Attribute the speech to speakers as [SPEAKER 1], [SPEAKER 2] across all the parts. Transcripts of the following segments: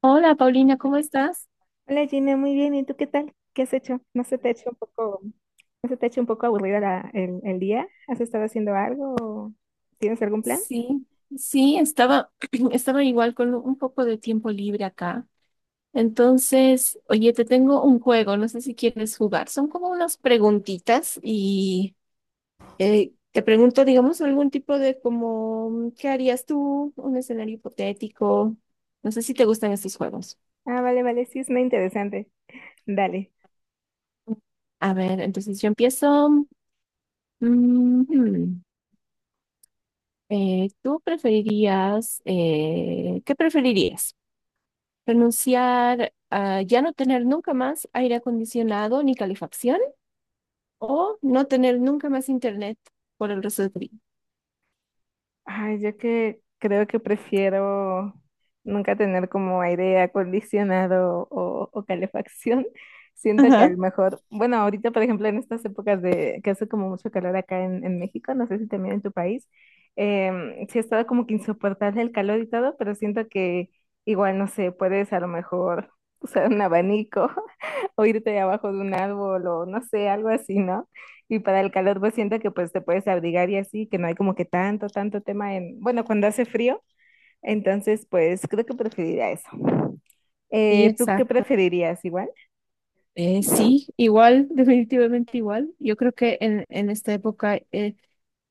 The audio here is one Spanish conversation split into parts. [SPEAKER 1] Hola Paulina, ¿cómo estás?
[SPEAKER 2] Hola Gina, muy bien. ¿Y tú qué tal? ¿Qué has hecho? ¿No se te ha hecho un poco, no se te ha hecho un poco aburrida el día? ¿Has estado haciendo algo? ¿O tienes algún plan?
[SPEAKER 1] Sí, sí, estaba, estaba igual con un poco de tiempo libre acá. Entonces, oye, te tengo un juego, no sé si quieres jugar. Son como unas preguntitas y te pregunto, digamos, algún tipo de como, ¿qué harías tú? Un escenario hipotético. No sé si te gustan estos juegos.
[SPEAKER 2] Ah, vale, vale, sí, es muy interesante. Dale.
[SPEAKER 1] A ver, entonces yo empiezo. Mm, hmm. ¿Tú preferirías, qué preferirías? Renunciar a ya no tener nunca más aire acondicionado ni calefacción, o no tener nunca más internet por el resto de tu vida.
[SPEAKER 2] Ay, yo que creo que prefiero nunca tener como aire acondicionado o calefacción. Siento que a
[SPEAKER 1] Ajá.
[SPEAKER 2] lo mejor, bueno, ahorita por ejemplo en estas épocas de que hace como mucho calor acá en México, no sé si también en tu país, sí ha estado como que insoportable el calor y todo, pero siento que igual, no sé, puedes a lo mejor usar un abanico o irte abajo de un árbol o no sé, algo así, ¿no? Y para el calor, pues siento que pues te puedes abrigar y así, que no hay como que tanto tema en, bueno, cuando hace frío, entonces pues creo que preferiría eso.
[SPEAKER 1] Sí,
[SPEAKER 2] ¿Tú qué
[SPEAKER 1] exacto.
[SPEAKER 2] preferirías igual?
[SPEAKER 1] Sí, igual, definitivamente igual. Yo creo que en esta época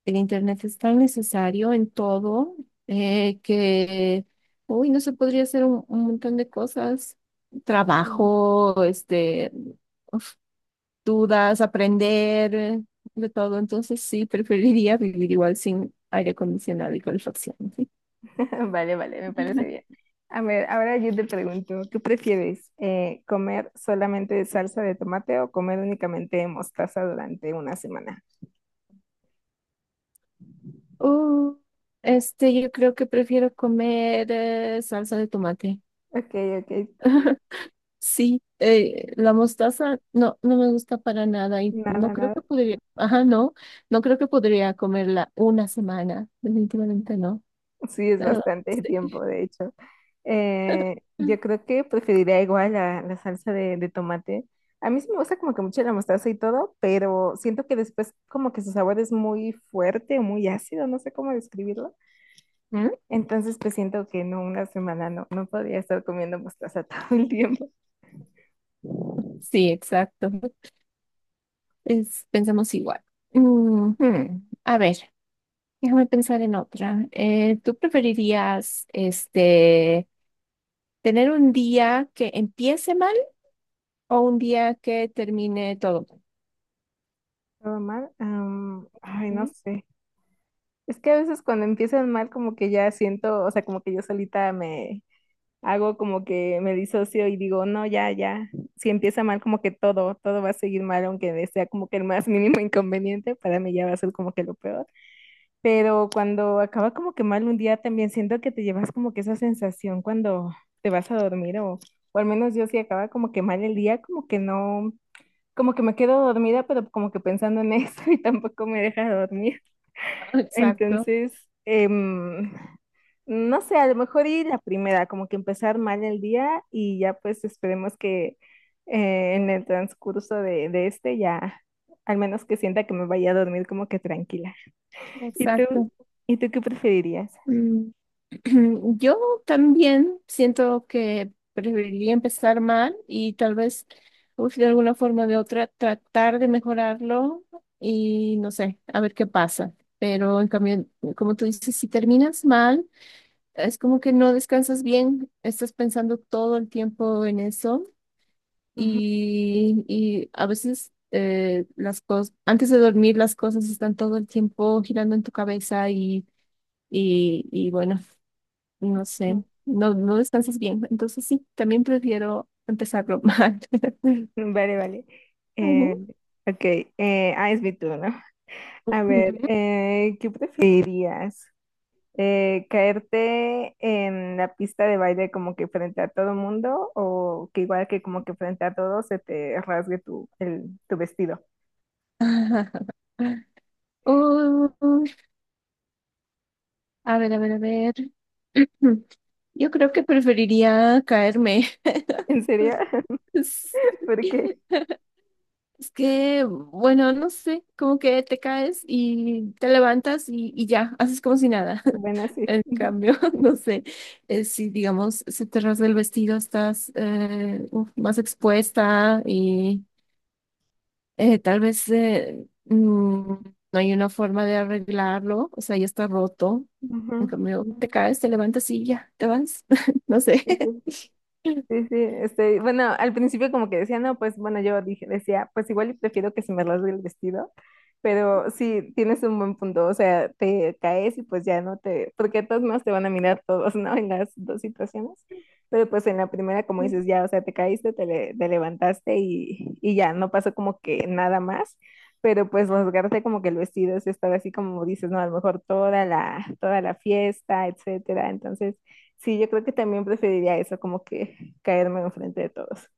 [SPEAKER 1] el Internet es tan necesario en todo que uy, no se podría hacer un montón de cosas.
[SPEAKER 2] Mm.
[SPEAKER 1] Trabajo, este, dudas, aprender, de todo. Entonces sí, preferiría vivir igual sin aire acondicionado y calefacción. Sí.
[SPEAKER 2] Vale, vale, me parece bien. A ver, ahora yo te pregunto, ¿qué prefieres? ¿Comer solamente de salsa de tomate o comer únicamente de mostaza durante una semana?
[SPEAKER 1] Uh, este, yo creo que prefiero comer salsa de tomate.
[SPEAKER 2] Ok, ok,
[SPEAKER 1] Sí, la mostaza no, no me gusta para nada y no
[SPEAKER 2] nada,
[SPEAKER 1] creo que
[SPEAKER 2] nada.
[SPEAKER 1] podría, ajá, no, no creo que podría comerla una semana, definitivamente no.
[SPEAKER 2] Sí, es
[SPEAKER 1] Ah,
[SPEAKER 2] bastante
[SPEAKER 1] sí.
[SPEAKER 2] tiempo, de hecho. Yo creo que preferiría igual la salsa de tomate. A mí sí me gusta como que mucho la mostaza y todo, pero siento que después como que su sabor es muy fuerte, muy ácido, no sé cómo describirlo.
[SPEAKER 1] ¿Mm?
[SPEAKER 2] Entonces, pues siento que no, una semana no, no podía estar comiendo mostaza todo el tiempo. Todo
[SPEAKER 1] Sí, exacto. Es, pensamos igual. Ujú. A ver. Déjame pensar en otra. ¿Tú preferirías este tener un día que empiece mal, o un día que termine todo mal?
[SPEAKER 2] mal. Ay, no
[SPEAKER 1] Mm.
[SPEAKER 2] sé. Es que a veces cuando empiezan mal, como que ya siento, o sea, como que yo solita me hago como que me disocio y digo, no, ya, ya. Si empieza mal, como que todo va a seguir mal, aunque sea como que el más mínimo inconveniente, para mí ya va a ser como que lo peor. Pero cuando acaba como que mal un día, también siento que te llevas como que esa sensación cuando te vas a dormir o al menos yo si acaba como que mal el día, como que no, como que me quedo dormida, pero como que pensando en eso y tampoco me deja dormir.
[SPEAKER 1] Exacto,
[SPEAKER 2] Entonces, em, no sé, a lo mejor ir la primera, como que empezar mal el día y ya pues esperemos que en el transcurso de este ya, al menos que sienta que me vaya a dormir como que tranquila. ¿Y tú?
[SPEAKER 1] exacto.
[SPEAKER 2] ¿Y tú qué preferirías?
[SPEAKER 1] Mm. Yo también siento que preferiría empezar mal y tal vez uf, de alguna forma o de otra tratar de mejorarlo y no sé, a ver qué pasa. Pero en cambio, como tú dices, si terminas mal, es como que no descansas bien, estás pensando todo el tiempo en eso
[SPEAKER 2] Ujú.
[SPEAKER 1] y a veces las cosas, antes de dormir las cosas están todo el tiempo girando en tu cabeza y bueno, no sé, no, no descansas bien. Entonces sí, también prefiero empezarlo mal.
[SPEAKER 2] Vale, vale. Eh,
[SPEAKER 1] Ujú.
[SPEAKER 2] ok, es mi turno. A ver,
[SPEAKER 1] Ujú.
[SPEAKER 2] ¿qué preferirías? ¿Caerte en la pista de baile como que frente a todo mundo o que igual que como que frente a todos se te rasgue tu vestido?
[SPEAKER 1] Uy, a ver. Yo creo que preferiría caerme.
[SPEAKER 2] ¿En serio?
[SPEAKER 1] Sí.
[SPEAKER 2] Porque,
[SPEAKER 1] Es que, bueno, no sé, como que te caes y te levantas y ya, haces como si nada.
[SPEAKER 2] bueno, sí.
[SPEAKER 1] En cambio, no sé, si digamos, se te rasga el vestido, estás uf, más expuesta y tal vez no hay una forma de arreglarlo, o sea, ya está roto. En cambio, te caes, te levantas y ya, te vas. No sé.
[SPEAKER 2] Ujú. Sí, sí, este, bueno, al principio como que decía, no, pues bueno, yo dije, decía, pues igual y prefiero que se me rasgue el vestido, pero sí, tienes un buen punto, o sea, te caes y pues ya no te, porque de todos modos te van a mirar todos, ¿no? En las dos situaciones, pero pues en la primera, como dices, ya, o sea, te caíste, te levantaste y ya, no pasó como que nada más, pero pues rasgarte como que el vestido es estar así como dices, no, a lo mejor toda la fiesta, etcétera, entonces... Sí, yo creo que también preferiría eso, como que caerme enfrente de todos.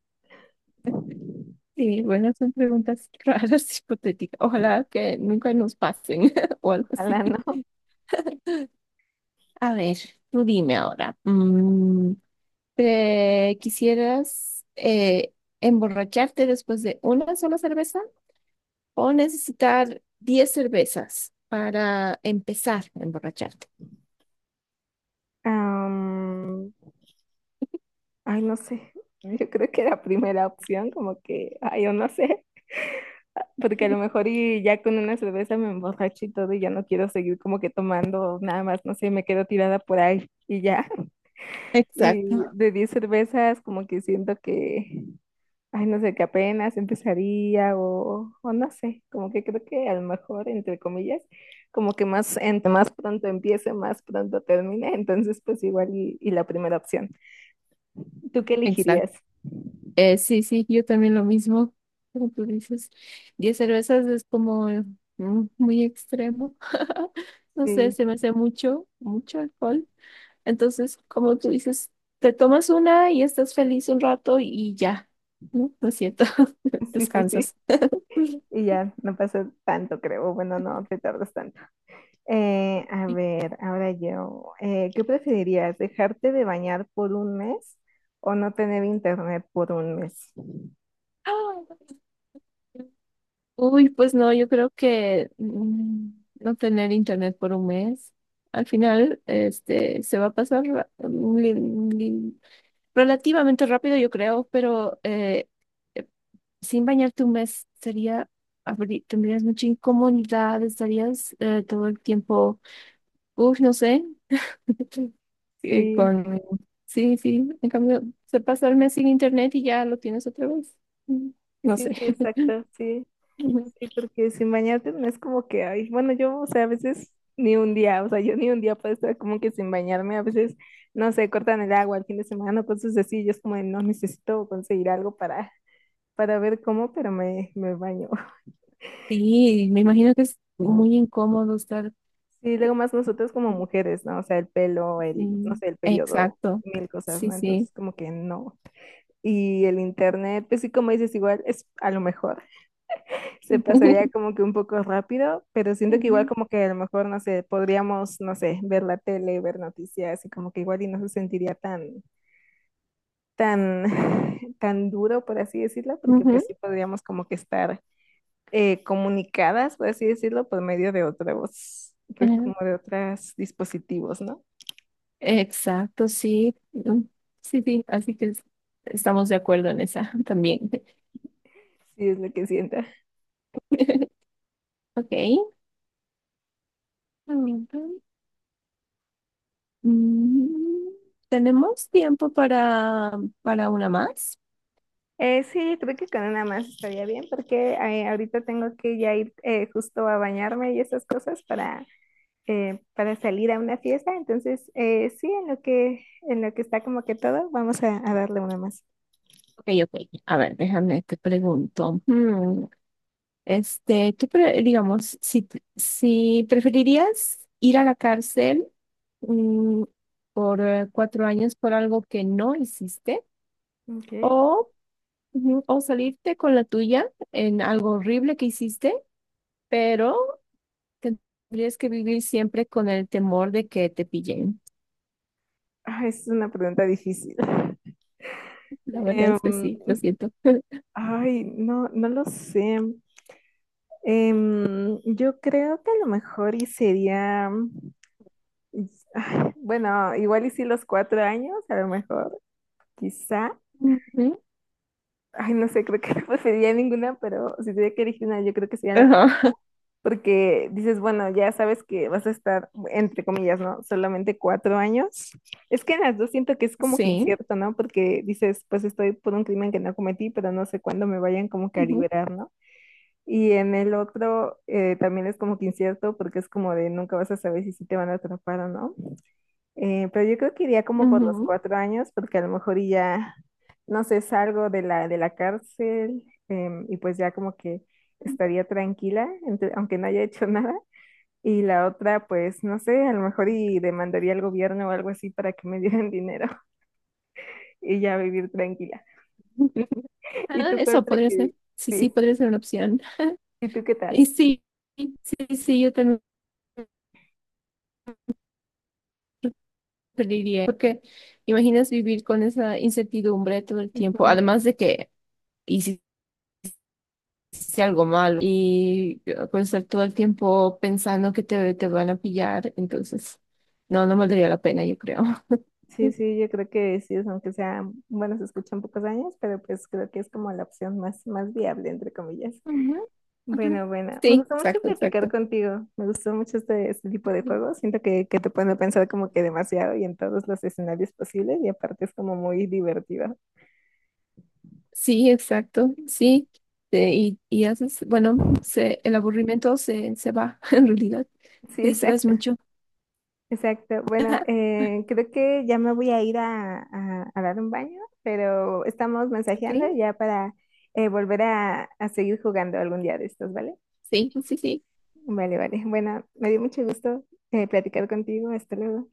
[SPEAKER 1] Sí, bueno, son preguntas raras, hipotéticas. Ojalá que nunca nos pasen o algo así.
[SPEAKER 2] Ojalá no.
[SPEAKER 1] A ver, tú dime ahora. Mm. ¿Te quisieras emborracharte después de una sola cerveza, o necesitar 10 cervezas para empezar a emborracharte?
[SPEAKER 2] Am, Ay, no sé. Yo creo que la primera opción, como que, ay, yo no sé. Porque a lo mejor y ya con una cerveza me emborracho y todo y ya no quiero seguir como que tomando nada más, no sé, me quedo tirada por ahí y ya. Y
[SPEAKER 1] Exacto,
[SPEAKER 2] de 10 cervezas como que siento que ay, no sé, que apenas empezaría o no sé, como que creo que a lo mejor, entre comillas, como que más, entre más pronto empiece, más pronto termine, entonces pues igual y la primera opción. ¿Tú qué
[SPEAKER 1] exacto.
[SPEAKER 2] elegirías?
[SPEAKER 1] Sí, sí, yo también lo mismo, como tú dices. 10 cervezas es como mm, muy extremo. No sé,
[SPEAKER 2] Sí,
[SPEAKER 1] se me hace mucho, mucho alcohol. Entonces, como tú dices, te tomas una y estás feliz un rato y ya, ¿no? Lo siento,
[SPEAKER 2] sí, sí, sí.
[SPEAKER 1] descansas. Sí.
[SPEAKER 2] Y ya, no pasa tanto, creo. Bueno, no te tardas tanto. A ver, ahora yo, ¿qué preferirías? ¿Dejarte de bañar por un mes o no tener internet por un mes?
[SPEAKER 1] Ah, uy, pues no, yo creo que mm, no tener internet por un mes, al final, este, se va a pasar relativamente rápido, yo creo, pero eh, sin bañarte un mes sería, tendrías mucha incomodidad, estarías todo el tiempo, uff, no sé, eh,
[SPEAKER 2] Sí,
[SPEAKER 1] con, sí, sí, en cambio, se pasa el mes sin internet y ya lo tienes otra vez. Mm, no
[SPEAKER 2] sí,
[SPEAKER 1] sé.
[SPEAKER 2] sí, exacto, sí. Sí, porque sin bañarte no es como que, ay, bueno, yo, o sea, a veces ni un día, o sea, yo ni un día puedo estar como que sin bañarme, a veces, no sé, cortan el agua el fin de semana, cosas así, yo es como de, no necesito conseguir algo para ver cómo, pero me baño.
[SPEAKER 1] Sí, me imagino que es muy incómodo estar.
[SPEAKER 2] Sí, luego más nosotros como mujeres, ¿no? O sea, el pelo, el, no
[SPEAKER 1] Sí,
[SPEAKER 2] sé, el periodo,
[SPEAKER 1] exacto.
[SPEAKER 2] mil cosas,
[SPEAKER 1] Sí,
[SPEAKER 2] ¿no?
[SPEAKER 1] sí.
[SPEAKER 2] Entonces como que no. Y el internet, pues sí, como dices, igual es a lo mejor. Se pasaría como que un poco rápido, pero siento que igual
[SPEAKER 1] Ujú,
[SPEAKER 2] como que a lo mejor, no sé, podríamos, no sé, ver la tele, ver noticias y como que igual y no se sentiría tan, tan duro, por así decirlo, porque
[SPEAKER 1] ujú,
[SPEAKER 2] pues sí podríamos como que estar comunicadas, por así decirlo, por medio de otros, pues
[SPEAKER 1] eh,
[SPEAKER 2] como de otros dispositivos, ¿no?
[SPEAKER 1] exacto, sí. Mm. Sí, sí, así estamos de acuerdo en esa también.
[SPEAKER 2] Sí, es lo que siento.
[SPEAKER 1] Ok. Ujú. Mm. ¿Tenemos tiempo para una más?
[SPEAKER 2] Sí, creo que con una más estaría bien porque ahorita tengo que ya ir justo a bañarme y esas cosas para salir a una fiesta. Entonces, sí, en lo que está como que todo, vamos a darle una más.
[SPEAKER 1] Ok, ok. A ver, déjame, te pregunto. Mm. Este, digamos, si preferirías ir a la cárcel mm, por 4 años por algo que no hiciste
[SPEAKER 2] Ok.
[SPEAKER 1] o, ujú, o salirte con la tuya en algo horrible que hiciste, pero tendrías que vivir siempre con el temor de que te pillen.
[SPEAKER 2] Ah, es una pregunta difícil.
[SPEAKER 1] La verdad es que
[SPEAKER 2] Em,
[SPEAKER 1] sí, lo siento.
[SPEAKER 2] ay, no, no lo sé. Yo creo que a lo mejor y sería, ay, bueno, igual y sí los 4 años, a lo mejor, quizá.
[SPEAKER 1] Ujú.
[SPEAKER 2] Ay, no sé, creo que no preferiría ninguna, pero si tuviera que elegir una, yo creo que sería la primera.
[SPEAKER 1] Ajá.
[SPEAKER 2] Porque dices, bueno, ya sabes que vas a estar, entre comillas, ¿no? Solamente 4 años. Es que en las dos siento que es como que
[SPEAKER 1] Sí.
[SPEAKER 2] incierto, ¿no? Porque dices, pues estoy por un crimen que no cometí, pero no sé cuándo me vayan como que a
[SPEAKER 1] Ujú,
[SPEAKER 2] liberar, ¿no? Y en el otro también es como que incierto porque es como de nunca vas a saber si sí te van a atrapar o no. Pero yo creo que iría como por los
[SPEAKER 1] ujú.
[SPEAKER 2] 4 años porque a lo mejor y ya, no sé, salgo de la cárcel y pues ya como que estaría tranquila, entre- aunque no haya hecho nada. Y la otra, pues no sé, a lo mejor y demandaría al gobierno o algo así para que me dieran dinero y ya vivir tranquila. ¿Y
[SPEAKER 1] Ah,
[SPEAKER 2] tú cuál
[SPEAKER 1] eso podría ser.
[SPEAKER 2] prefieres?
[SPEAKER 1] Sí,
[SPEAKER 2] Sí,
[SPEAKER 1] sí, podría ser una opción.
[SPEAKER 2] ¿y tú qué
[SPEAKER 1] Y
[SPEAKER 2] tal?
[SPEAKER 1] sí, sí, sí, yo también preferiría, porque imaginas vivir con esa incertidumbre todo el tiempo,
[SPEAKER 2] Ujú.
[SPEAKER 1] además de que hiciste algo malo y pues estar todo el tiempo pensando que te van a pillar, entonces no, no valdría la pena, yo creo.
[SPEAKER 2] Sí, sí, yo creo que sí, es aunque sea, bueno, se escuchan pocos años, pero pues creo que es como la opción más, más viable, entre comillas.
[SPEAKER 1] Ujú, ajá.
[SPEAKER 2] Bueno, bueno, me
[SPEAKER 1] Sí,
[SPEAKER 2] gustó mucho
[SPEAKER 1] exacto,
[SPEAKER 2] platicar
[SPEAKER 1] exacto.
[SPEAKER 2] contigo, me gustó mucho este, este tipo de juegos, siento que te pone a pensar como que demasiado y en todos los escenarios posibles y aparte es como muy divertido.
[SPEAKER 1] Sí, exacto, sí. Y haces, bueno, el aburrimiento se va, en realidad.
[SPEAKER 2] Sí,
[SPEAKER 1] Te distraes
[SPEAKER 2] exacto.
[SPEAKER 1] mucho.
[SPEAKER 2] Exacto. Bueno, creo que ya me voy a ir a, a dar un baño, pero estamos mensajeando
[SPEAKER 1] ¿Ok?
[SPEAKER 2] ya para volver a seguir jugando algún día de estos, ¿vale?
[SPEAKER 1] Sí, sí, sí.
[SPEAKER 2] Vale, vale. Bueno, me dio mucho gusto platicar contigo. Hasta luego.